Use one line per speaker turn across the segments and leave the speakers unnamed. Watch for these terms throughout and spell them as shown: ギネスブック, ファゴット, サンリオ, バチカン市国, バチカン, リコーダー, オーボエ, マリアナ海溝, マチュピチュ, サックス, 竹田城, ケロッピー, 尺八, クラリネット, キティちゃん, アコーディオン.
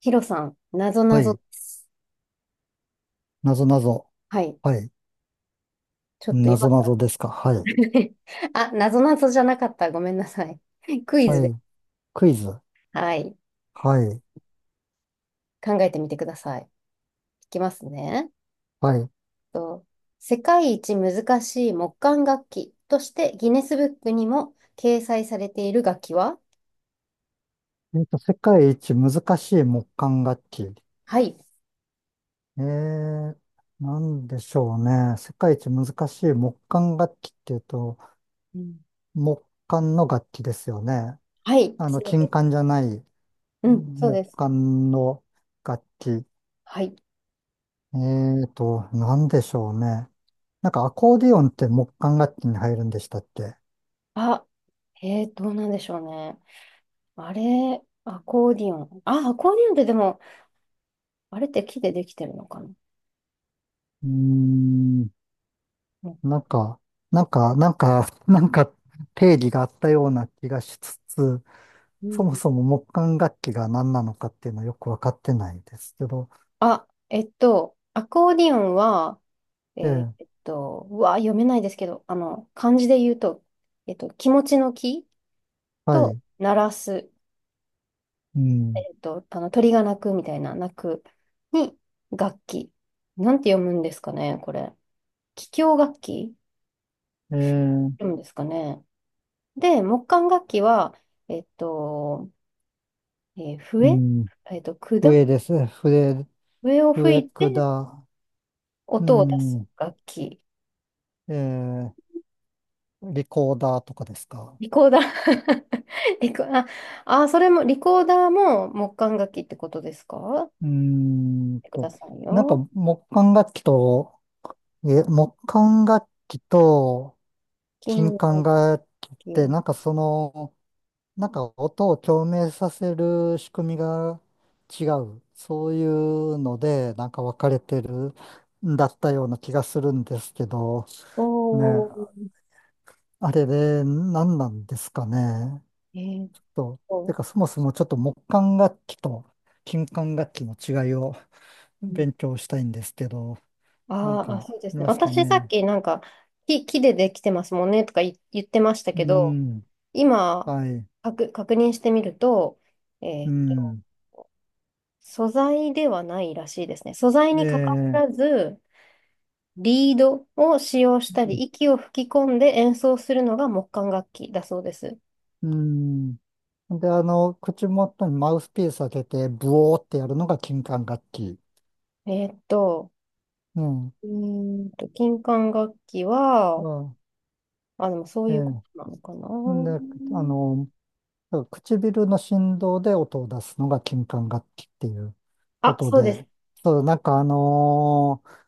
ヒロさん、なぞ
は
なぞ
い。
です。
なぞなぞ。
はい。
はい。
ちょっと
な
今
ぞ
か
な
ら
ぞですか。はい。
あ、なぞなぞじゃなかった。ごめんなさい。クイズ
は
で。
い。クイズ。
はい。
はい。
考えてみてください。いきますね。
はい。
と、世界一難しい木管楽器としてギネスブックにも掲載されている楽器は？
世界一難しい木管楽器。
はい。
えー、なんでしょうね。世界一難しい木管楽器っていうと、
うん、
木管の楽器ですよね。
はい。
あの、
そう
金
です。
管じゃない
うん、そう
木
です。
管の楽器。
はい。
えなんでしょうね。なんかアコーディオンって木管楽器に入るんでしたっけ
あ、どうなんでしょうね。あれ、アコーディオン。あ、アコーディオンってでも、あれって木でできてるのかな。
ーん。
うん
なんか、なんか、なんか定義があったような気がしつつ、
う
そも
ん、
そも木管楽器が何なのかっていうのはよくわかってないですけど、
あ、アコーディオンは、
ええ、
うわ、読めないですけど、あの、漢字で言うと、気持ちの気
は
と
い、
鳴らす、
うん、
あの、鳥が鳴くみたいな鳴くに楽器。なんて読むんですかね、これ。気境楽器
ええ、
読むんですかね。で、木管楽器は、えっと、
う
笛、
ん、
管
笛です、笛、
笛を吹
笛
いて
管、う
音を出す
ん、
楽器。
ええ、リコーダーとかですか。
リコーダー リコ、あ、あ、それも、リコーダーも木管楽器ってことですか？
うー
見
ん
てくだ
と、
さい
なんか
よ。
木管楽器と、木管楽器と
金
金
楽
管楽器って、
器。
なんか音を共鳴させる仕組みが違う。そういうので、なんか分かれてるんだったような気がするんですけど、ね、
おー、
あれで何なんですかね。
えーっ
と、て
と、
かそもそもちょっと木管楽器と金管楽器の違いを
うん、
勉強したいんですけど、なん
あー
か
あ、
あ
そうです
り
ね。
ますか
私さっ
ね。
きなんか、木でできてますもんねとか言ってました
う
けど、
ん、
今、
はい、
確認してみると、え
う
ーっと、
ん、
素材ではないらしいですね。素材にかか
で、
らず、リードを使用したり、息を吹き込んで演奏するのが木管楽器だそうです。
うん、で、あの、口元にマウスピース当てて、ブオーってやるのが金管楽器。
えーっと、
うん。
金管楽器は、
ま
あ、でもそう
あ、え
いうこと
え。
なのかな。
で、あの、唇の振動で音を出すのが金管楽器っていうこ
あ、
と
そ
で、
うです。
そう、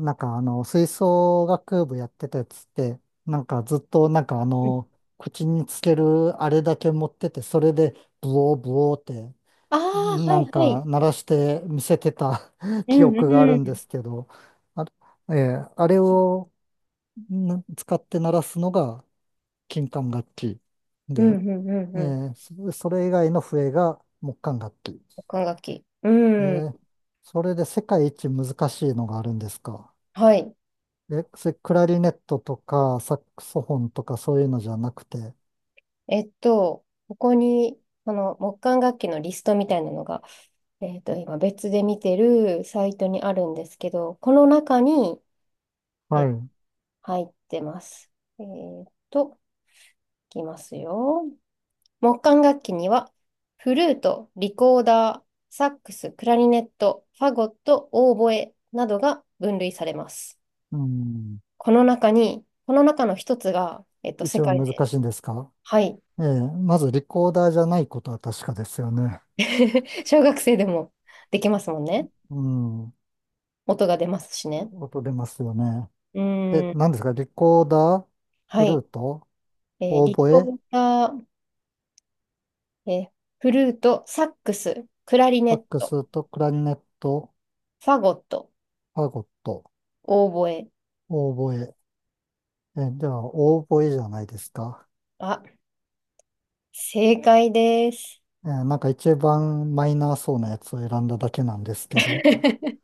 なんかあの、吹奏楽部やってたやつって、なんかずっとなんかあ
うん、
の、口につけるあれだけ持ってて、それでブオーブオーって
ああ、は
な
い
ん
は
か
い。
鳴らして見せてた
う
記
んう
憶があるんで
ん。
すけど、あ、あれを使って鳴らすのが金管楽器
うん
で、
うんうん
え
うん。
それ以外の笛が木管楽器。
木管楽器。う
え
ん。
えそれで世界一難しいのがあるんですか。
はい。
え、それクラリネットとかサックスフォンとかそういうのじゃなくて、
ここに、その木管楽器のリストみたいなのが、今別で見てるサイトにあるんですけど、この中に、え
は
っ
い。
入ってます。えーっと、いきますよ。木管楽器には、フルート、リコーダー、サックス、クラリネット、ファゴット、オーボエなどが分類されます。
うん、
この中に、この中の一つが、世
一番
界で、
難しいんですか。
はい。
ええまずリコーダーじゃないことは確かですよね。
小学生でもできますもんね。
うん。
音が出ますしね。
音出ますよね。
う
え、
ーん。
何ですかリコーダー、
は
フルー
い。
ト、オー
リ
ボ
コ
エ、
ーダー、えーフルート、サックス、クラリネ
サッ
ッ
ク
ト、
スとクラリネット、
ファゴット、
ファゴット、
オーボエ。
オーボエ。え、では、オーボエじゃないですか。
あ、正解です。
えーなんか一番マイナーそうなやつを選んだだけなんですけど。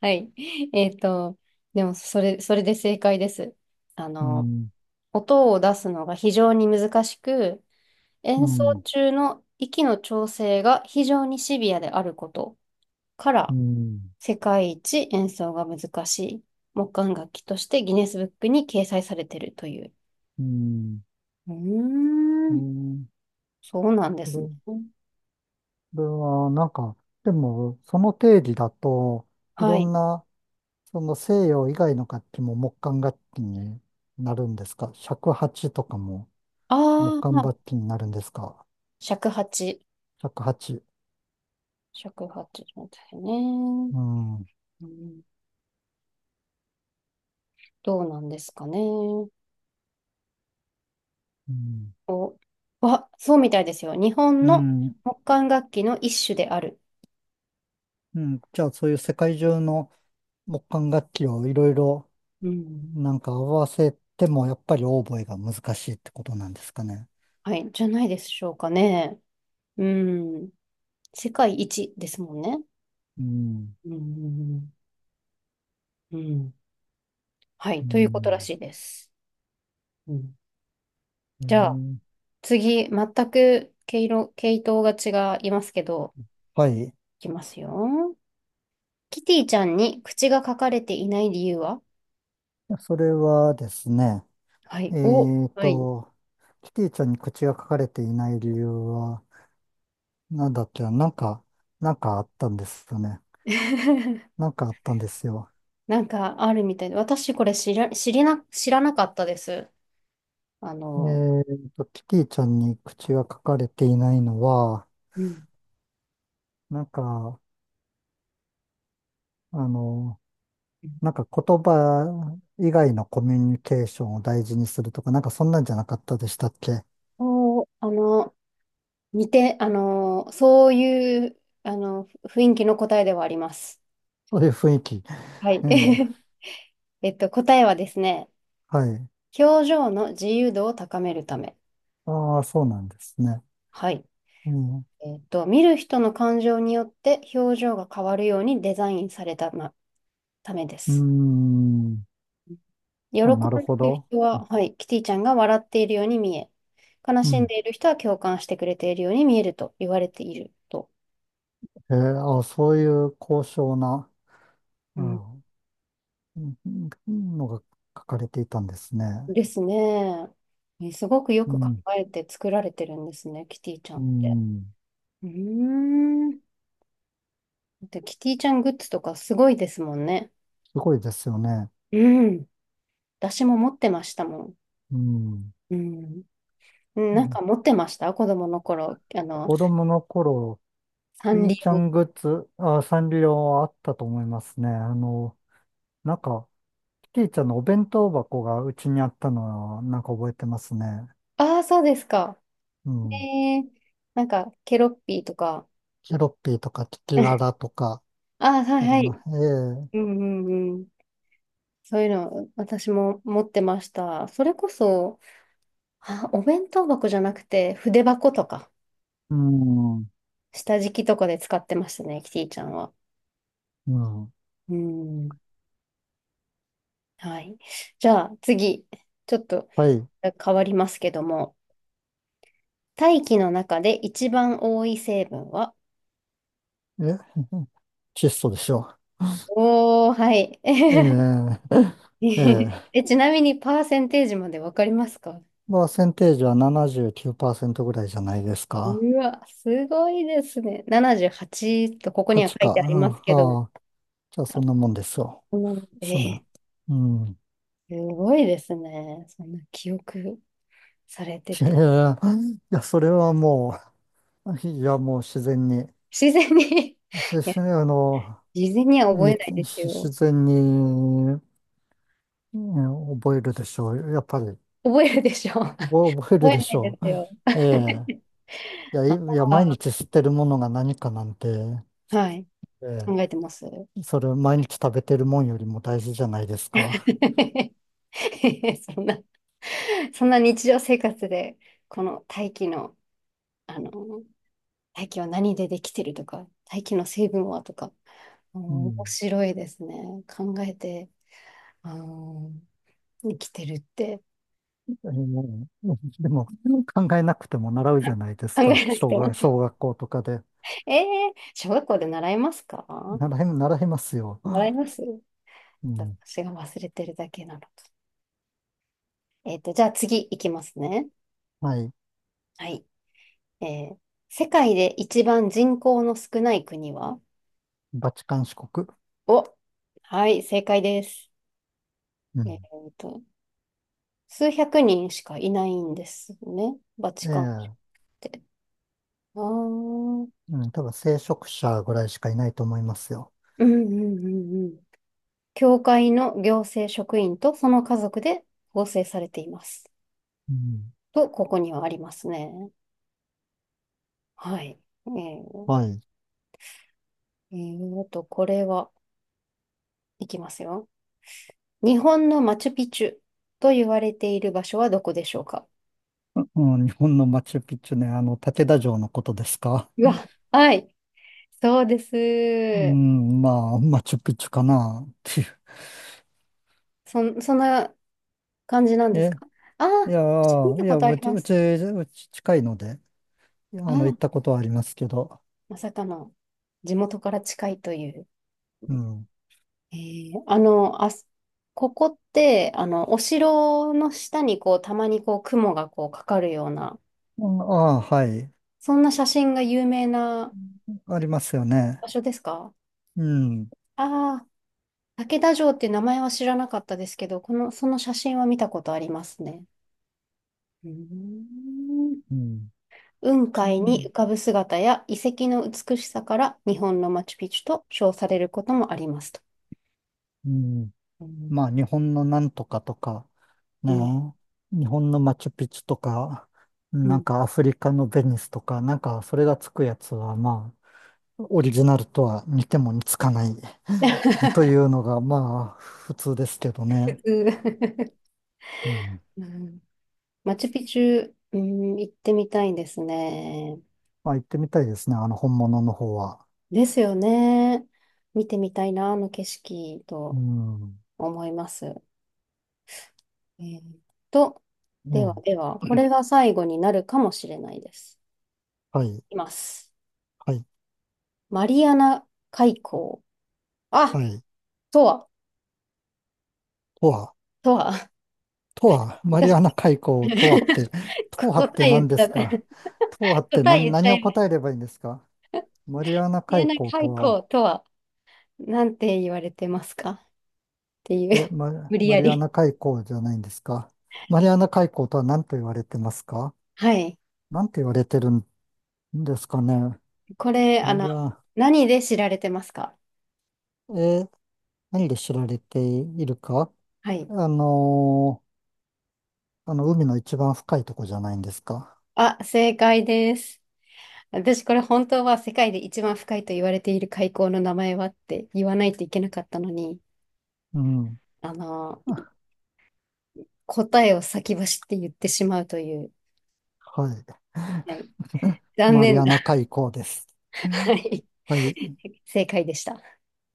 はい。えっと、でも、それで正解です。あ
う
の、
ん、
音を出すのが非常に難しく、
う
演奏
ん、
中の息の調整が非常にシビアであることか
う
ら、
ん、
世界一演奏が難しい木管楽器としてギネスブックに掲載されているという。
うん、
うー
う
ん、
ん。
そうなんで
こ
すね。
れ、これは、なんか、でも、その定義だとい
は
ろ
い。
んなその西洋以外の楽器も木管楽器になるんですか？尺八とかも木
あ
管
あ、
楽器になるんですか？
尺八。
尺八
尺八みたいね。
うん。う
うん、どうなんですかね。お、
ん。
わそうみたいですよ。日本
う
の
ん。
木管楽器の一種である。
うんじゃあそういう世界中の木管楽器をいろいろ
うん。
なんか合わせてもやっぱりオーボエが難しいってことなんですかね。
はい、じゃないでしょうかね。うん。世界一ですもんね。
うん。
うん。うん。うん、は
う
い、ということら
ん。
しいです。うん。
う
じゃあ、
ん
次、全く毛色、系統が違いますけど、
はい。
いきますよ。キティちゃんに口が書かれていない理由は？
それはですね、
は
え
い。お、
っ
はい。
と、キティちゃんに口が書かれていない理由は、なんだっけ、なんか、なんかあったんですよね。なんかあったんですよ。
なんかあるみたいで、私これ知らなかったです。あ
え
の、
ーと、キティちゃんに口が書かれていないのは、
うん。
なんか、あの、なんか言葉以外のコミュニケーションを大事にするとか、なんかそんなんじゃなかったでしたっけ？
そう、あの、あの、そういう、あの、雰囲気の答えではあります。
そういう雰囲気。
はい。
ええ
答えはですね、
はい。
表情の自由度を高めるため。
ああ、そうなんですね。
はい。
うん、
見る人の感情によって表情が変わるようにデザインされた、ま、ためで
う
す。
ーん、
喜ん
あ、なるほ
でいる
ど。
人は、はい、キティちゃんが笑っているように見え、悲
う
しん
ん。
でいる人は共感してくれているように見えると言われていると。
えー、あ、そういう高尚な
う
う
ん、
んうんうんのが書かれていたんですね。
ですね。えすごくよ
う
く考
ん、
えて作られてるんですね、キティちゃ
う
んって。
ん、
うーん。で、キティちゃんグッズとかすごいですもんね。
すごいですよね。
うん。私も持ってましたもん。
うん、
うん。うん、
う
なん
ん
か持ってました、子供の頃。あの、
子供の頃、
サ
キ
ン
ー
リ
ちゃ
オ。
んグッズ、あ、サンリオあったと思いますね。あの、なんか、キティちゃんのお弁当箱がうちにあったのは、なんか覚えてますね。
ああ、そうですか。
う
え
ん。
ー、なんか、ケロッピーとか。
ケロッピーとかキキラ ラとか
あ、はい
あり
は
ます。
い。
ええ
うんうんうん。そういうの、私も持ってました。それこそ、あ、お弁当箱じゃなくて、筆箱とか、
うん、う
下敷きとかで使ってましたね、キティちゃんは。
ん。
うん。はい。じゃあ、次、ちょっと
はい。
変わりますけども、大気の中で一番多い成分は？
え、窒素でしょう。
おー、はい。
えええ え
え、ちなみに、パーセンテージまでわかりますか？
パーセンテージは79%ぐらいじゃないですか。
うわ、すごいですね。78とここには
8
書
か。
いてあります
ああ、
けど、
ああじゃあそんなもんですよ。
うん
そんな、
えー、
うん。
すごいですね。そんな記憶されてて。
いやそれはもう、いや、もう自然に、
自然に いや、
しあの、
自然には覚え
に、
ないです
自
よ。
然に、うん覚えるでしょう。やっぱり、
覚えるでしょ
覚え
覚
るで
えな
し
いで
ょ
すよ。
う。ええ。いや、い
あ
いや、毎日吸ってるものが何かなんて、
ーはい。
え
考えてます。
え、それ毎日食べてるもんよりも大事じゃないですか。
そんな、そんな日常生活で、この大気の、あの、大気は何でできてるとか、大気の成分はとか、う
う
ん面
ん。
白いですね。考えて、あの、生きてるって。
えー でも、考えなくても習うじゃないです
考え
か。
なく
小
ても。
学、小 学校とかで。
ええ小学校で習いますか？
習い、習いますよ。
習います？
うん。
私が忘れてるだけなのか。じゃあ次いきますね。
はい。
はい。えー、世界で一番人口の少ない国は？
バチカン市国。
お、はい、正解です。
う
えっ
ん。
と、数百人しかいないんですね。バチカンっ
ええ
て。ああうん
うん。多分、聖職者ぐらいしかいないと思いますよ。
うんうんうん。教会の行政職員とその家族で構成されています。
うん。
と、ここにはありますね。はい。えー、
はい。
あと、これは、いきますよ。日本のマチュピチュと言われている場所はどこでしょうか？
うん、日本のマチュピチュね、あの、竹田城のことですか。
うわ、はい。そうです。
うん、まあ、マチュピチュかな、っていう。
そんな感じなんです
え、
か？ああ、私見た
い
こ
や、
とあります。
うち近いので、
あ
あの、行
あ、
ったことはありますけど。
まさかの地元から近いという。
うん。
あの、あす、ここって、あの、お城の下にこう、たまにこう、雲がこう、かかるような、
うんああ、はい。
そんな写真が有名な
ありますよね。
場所ですか？
うん。
ああ、竹田城っていう名前は知らなかったですけど、その写真は見たことありますね。うーん。
うん。
雲
う
海に
ん。
浮かぶ姿や遺跡の美しさから日本のマチュピチュと称されることもありますと。
うん
うん。
まあ、日本のなんとかとか、
う
ね。
ん。
日本のマチュピチュとか、
う
なん
ん。
かアフリカのベニスとか、なんかそれがつくやつは、まあ、オリジナルとは似ても似つかない とい うのが、まあ、普通ですけど
普
ね。
通。
うん。
うん。 マチュピチュ、うん、行ってみたいんですね。
まあ、行ってみたいですね。あの、本物の方は。
ですよね。見てみたいな、あの景色
う
と
ん。
思います。えーっと、
ね
ではでは、こ
え。
れが最後になるかもしれないです。
はい。
いきます。
はい。
マリアナ海溝。
は
あ、
い。
とは、
とは。
とは。
とは、マリ
私
アナ海 溝とはって、とはっ
答
て
え言っ
何
ち
で
ゃ
す
っ
か？
た。
とはっ て
答え
何、
言っち
何
ゃ
を
いまし
答
た。
えれ
マ
ばいいんですか？マリアナ
リア
海
ナ
溝
海
と
溝
は、
とは、なんて言われてますかっていう。無理
マ
や
リア
り。
ナ海溝じゃないんですか？マリアナ海溝とは何と言われてますか？
はい。
何と言われてるんですかね？
これ、あ
マ
の、
リア、
何で知られてますか？
え、何で知られているか、
はい。
あのあの、海の一番深いとこじゃないんですか？
あ、正解です。私これ本当は世界で一番深いと言われている海溝の名前はって言わないといけなかったのに、
うん。
あの、答えを先走って言ってしまうという、
はい。
はい、 残
マリ
念
ア
な、
ナ海溝です。
はい、
はい。
正解でした。